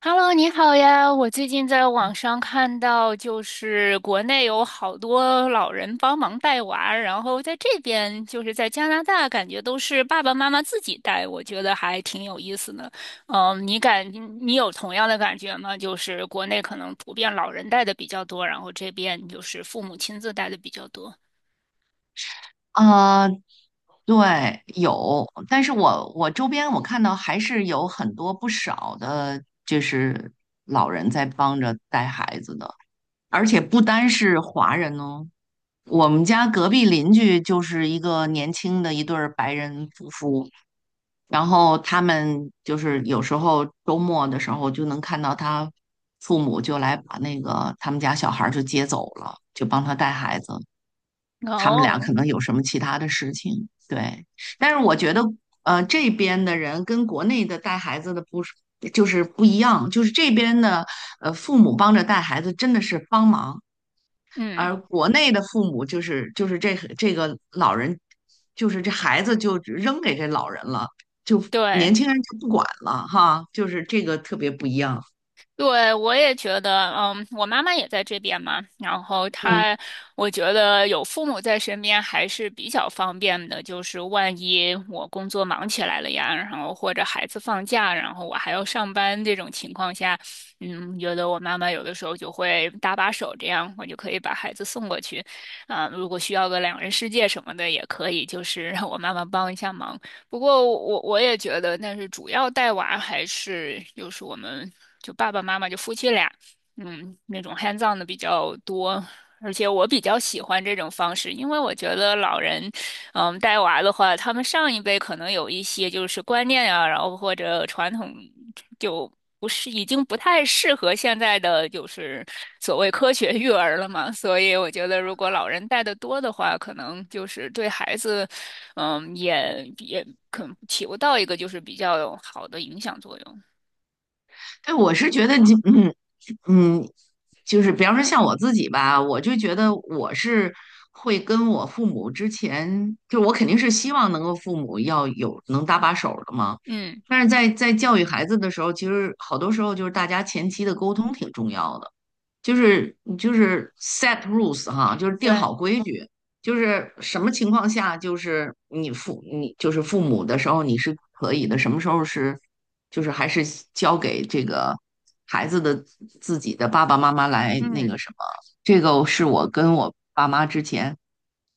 Hello，你好呀！我最近在网上看到，就是国内有好多老人帮忙带娃，然后在这边就是在加拿大，感觉都是爸爸妈妈自己带，我觉得还挺有意思的。嗯，你有同样的感觉吗？就是国内可能普遍老人带的比较多，然后这边就是父母亲自带的比较多。啊，对，有，但是我周边我看到还是有很多不少的，就是老人在帮着带孩子的，而且不单是华人哦。我们家隔壁邻居就是一个年轻的一对儿白人夫妇，然后他们就是有时候周末的时候就能看到他父母就来把那个他们家小孩儿就接走了，就帮他带孩子。他们俩哦，可能有什么其他的事情。对，但是我觉得，这边的人跟国内的带孩子的不是就是不一样，就是这边的父母帮着带孩子真的是帮忙，嗯，而国内的父母就是这个老人，就是这孩子就扔给这老人了，就年对。轻人就不管了哈，就是这个特别不一样。对，我也觉得，嗯，我妈妈也在这边嘛，然后嗯。她，我觉得有父母在身边还是比较方便的，就是万一我工作忙起来了呀，然后或者孩子放假，然后我还要上班这种情况下，嗯，觉得我妈妈有的时候就会搭把手，这样我就可以把孩子送过去，啊，如果需要个两人世界什么的也可以，就是让我妈妈帮一下忙。不过我也觉得，但是主要带娃还是就是我们就爸爸妈妈就夫妻俩，嗯，那种 hands on 的比较多，而且我比较喜欢这种方式，因为我觉得老人，带娃的话，他们上一辈可能有一些就是观念啊，然后或者传统就。不是，已经不太适合现在的就是所谓科学育儿了嘛，所以我觉得如果老人带的多的话，可能就是对孩子也可能起不到一个就是比较有好的影响作用。对，我是觉得你，嗯嗯，就是比方说像我自己吧，我就觉得我是会跟我父母之前，就我肯定是希望能够父母要有能搭把手儿的嘛。嗯，但是在教育孩子的时候，其实好多时候就是大家前期的沟通挺重要的。就是你就是 set rules 哈，就是定对，好规矩，就是什么情况下就是你父你就是父母的时候你是可以的，什么时候是就是还是交给这个孩子的自己的爸爸妈妈来那嗯，个什么，这个是我跟我爸妈之前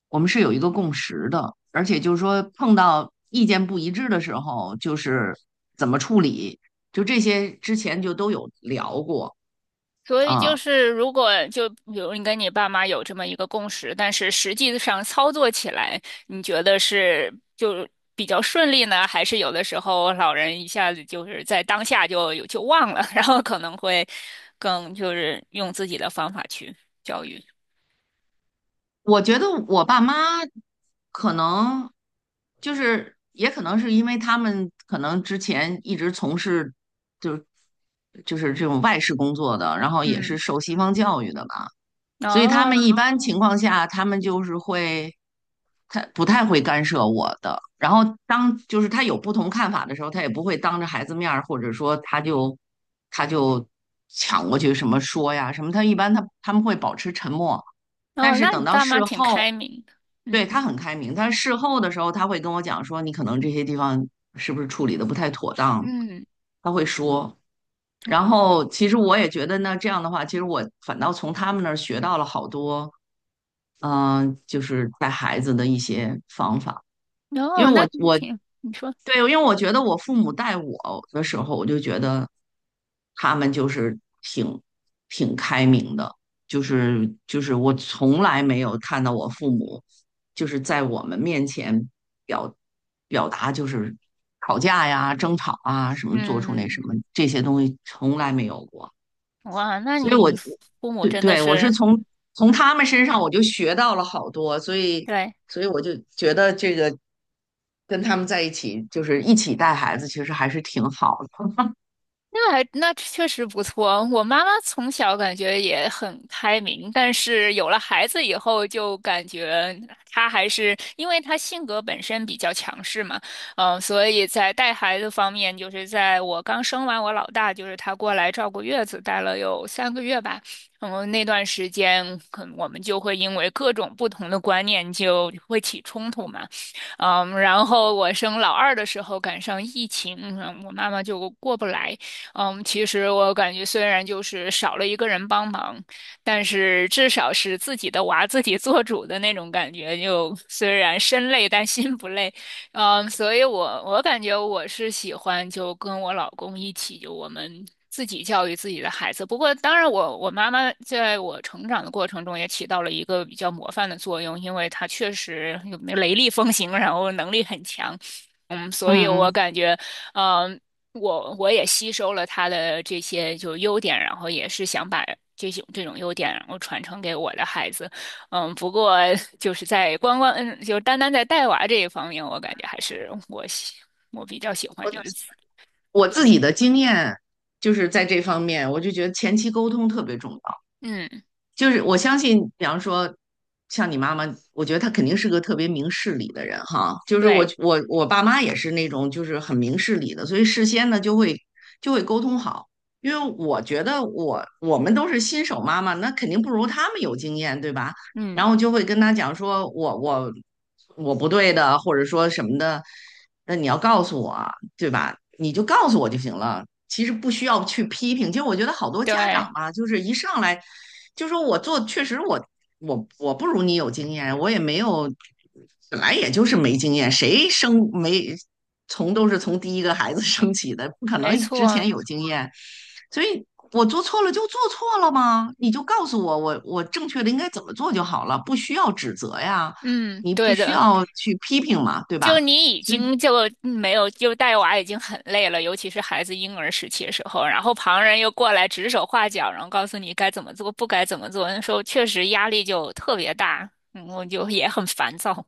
我们是有一个共识的，而且就是说碰到意见不一致的时候，就是怎么处理，就这些之前就都有聊过所以就啊。是如果就比如你跟你爸妈有这么一个共识，但是实际上操作起来，你觉得是就比较顺利呢，还是有的时候老人一下子就是在当下就有就忘了，然后可能会更就是用自己的方法去教育。我觉得我爸妈可能就是，也可能是因为他们可能之前一直从事就是就是这种外事工作的，然后也嗯，是受西方教育的吧，所以他们哦一般情况下，他们就是会他不太会干涉我的。然后当就是他有不同看法的时候，他也不会当着孩子面儿，或者说他就抢过去什么说呀什么，他一般他们会保持沉默。但哦，是那等你到爸妈事挺后，开明的。对，嗯他很开明，但是事后的时候他会跟我讲说，你可能这些地方是不是处理的不太妥当，嗯。他会说。然后其实我也觉得呢，这样的话，其实我反倒从他们那儿学到了好多，嗯、就是带孩子的一些方法。因哦，为我那我挺，你说，对，因为我觉得我父母带我的时候，我就觉得他们就是挺开明的，就是我从来没有看到我父母就是在我们面前表表达就是吵架呀、争吵啊什么，做出那嗯，什么这些东西从来没有过。哇，那所以我你父母对真的对，我是是，从他们身上我就学到了好多，所以对，所以我就觉得这个跟他们在一起，就是一起带孩子，其实还是挺好的。那还那确实不错。我妈妈从小感觉也很开明，但是有了孩子以后，就感觉她还是因为她性格本身比较强势嘛，所以在带孩子方面，就是在我刚生完我老大，就是她过来照顾月子，带了有三个月吧。嗯，那段时间，可能我们就会因为各种不同的观念就会起冲突嘛。嗯，然后我生老二的时候赶上疫情，我妈妈就过不来。嗯，其实我感觉虽然就是少了一个人帮忙，但是至少是自己的娃自己做主的那种感觉。就虽然身累，但心不累。嗯，所以我感觉我是喜欢就跟我老公一起，就我们自己教育自己的孩子。不过，当然我妈妈在我成长的过程中也起到了一个比较模范的作用，因为她确实有雷厉风行，然后能力很强。嗯，所以嗯我嗯，感觉，嗯、我也吸收了他的这些就优点，然后也是想把这种优点，然后传承给我的孩子。嗯，不过就是在光光，就单单在带娃这一方面，我感觉还是我比较喜欢我就就是自我自自己理。的经验就是在这方面，我就觉得前期沟通特别重要。嗯，就是我相信，比方说像你妈妈，我觉得她肯定是个特别明事理的人哈。就是我对，我我爸妈也是那种就是很明事理的，所以事先呢就会沟通好。因为我觉得我们都是新手妈妈，那肯定不如他们有经验，对吧？嗯，然后就会跟他讲说我不对的，或者说什么的，那你要告诉我啊，对吧？你就告诉我就行了。其实不需要去批评。其实我觉得好多家长对，吧，就是一上来就说我做，确实我不如你有经验，我也没有，本来也就是没经验，谁生没从都是从第一个孩子 生起的，不可没能之错，前有经验，所以。我做错了就做错了吗？你就告诉我，我正确的应该怎么做就好了，不需要指责呀，嗯，你不对需的。要去批评嘛，对就吧？你已所以经就没有就带娃已经很累了，尤其是孩子婴儿时期的时候，然后旁人又过来指手画脚，然后告诉你该怎么做，不该怎么做，那时候确实压力就特别大，嗯，我就也很烦躁。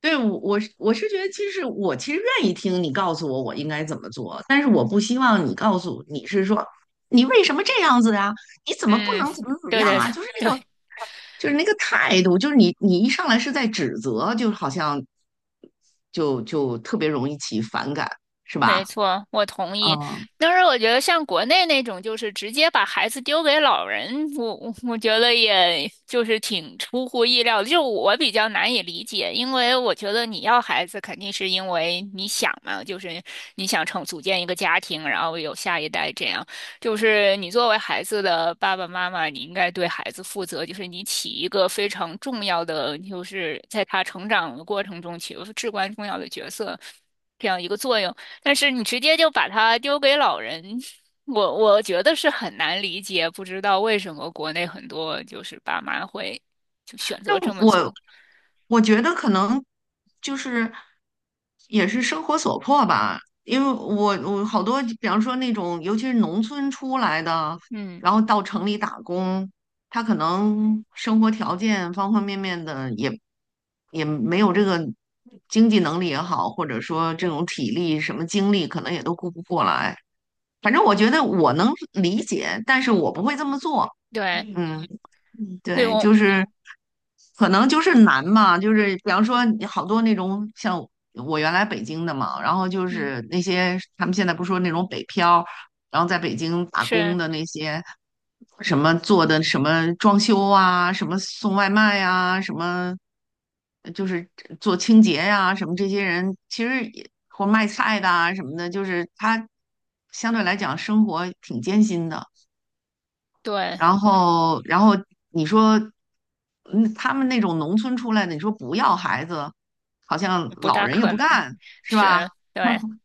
对，我是觉得，其实我其实愿意听你告诉我我应该怎么做，但是我不希望你告诉你是说你为什么这样子啊？你怎么不嗯，能怎么怎么对样对啊？就是那种对，就是那个态度，就是你一上来是在指责，就好像就特别容易起反感，是没吧？错，我同意。嗯，但是我觉得像国内那种，就是直接把孩子丢给老人，我觉得也就是挺出乎意料的，就我比较难以理解，因为我觉得你要孩子肯定是因为你想嘛，就是你想成组建一个家庭，然后有下一代这样。就是你作为孩子的爸爸妈妈，你应该对孩子负责，就是你起一个非常重要的，就是在他成长的过程中起一个至关重要的角色。这样一个作用，但是你直接就把它丢给老人，我觉得是很难理解，不知道为什么国内很多就是爸妈会就选择但这么我做。我觉得可能就是也是生活所迫吧，因为我我好多，比方说那种尤其是农村出来的，嗯，然后到城里打工，他可能生活条件方方面面的也没有这个经济能力也好，或者说这种体力什么精力，可能也都顾不过来。反正我觉得我能理解，但是我不会这么做。对，嗯。嗯，会对，我，就是可能就是难嘛，就是比方说你好多那种像我原来北京的嘛，然后就嗯，是那些他们现在不是说那种北漂，然后在北京打工是，的那些什么做的什么装修啊，什么送外卖呀、什么就是做清洁呀、什么这些人其实也或卖菜的啊什么的，就是他相对来讲生活挺艰辛的。对，然后，然后你说，嗯，他们那种农村出来的，你说不要孩子，好像不老大人又可不能，干，是是，吧？对。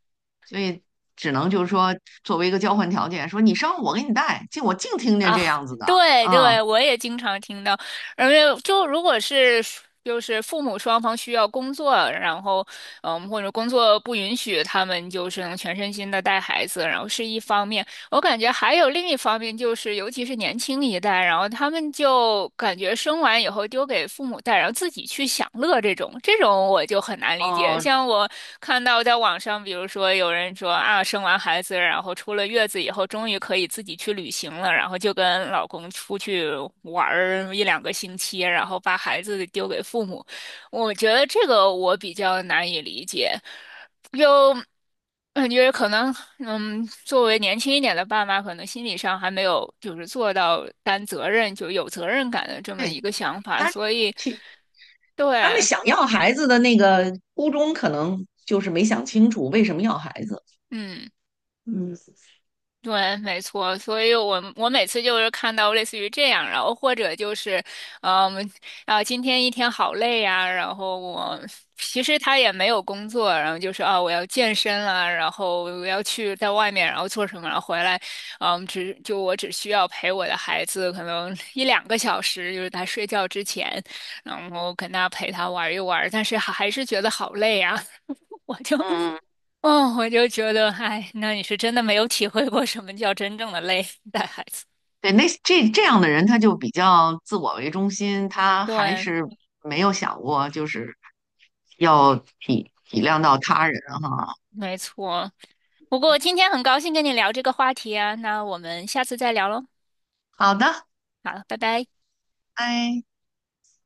所以只能就是说，作为一个交换条件，说你生我给你带，净我净听见啊，这样子的对啊。对，我也经常听到，而且就如果是就是父母双方需要工作，然后嗯，或者工作不允许，他们就是能全身心的带孩子，然后是一方面。我感觉还有另一方面，就是尤其是年轻一代，然后他们就感觉生完以后丢给父母带，然后自己去享乐这种，这种我就很难理解。哦，像我看到在网上，比如说有人说啊，生完孩子，然后出了月子以后，终于可以自己去旅行了，然后就跟老公出去玩儿一两个星期，然后把孩子丢给父母。我觉得这个我比较难以理解。嗯，因为可能，嗯，作为年轻一点的爸妈，可能心理上还没有就是做到担责任就有责任感的这么对，一个想法，他所以去，他们对，想要孩子的那个初衷，可能就是没想清楚为什么要孩子。嗯。嗯。对，没错，所以我我每次就是看到类似于这样，然后或者就是，嗯，啊，今天一天好累呀、然后我其实他也没有工作，然后就是啊，我要健身啊，然后我要去在外面，然后做什么，然后回来，嗯，只就我只需要陪我的孩子可能一两个小时，就是他睡觉之前，然后跟他陪他玩一玩，但是还是觉得好累啊，我就 嗯。哦，我就觉得，哎，那你是真的没有体会过什么叫真正的累，带孩子。对，那这这样的人，他就比较自我为中心，他还对，是没有想过就是要体体谅到他人哈。没错。不过今天很高兴跟你聊这个话题啊，那我们下次再聊喽。好的，好，了，拜拜。拜。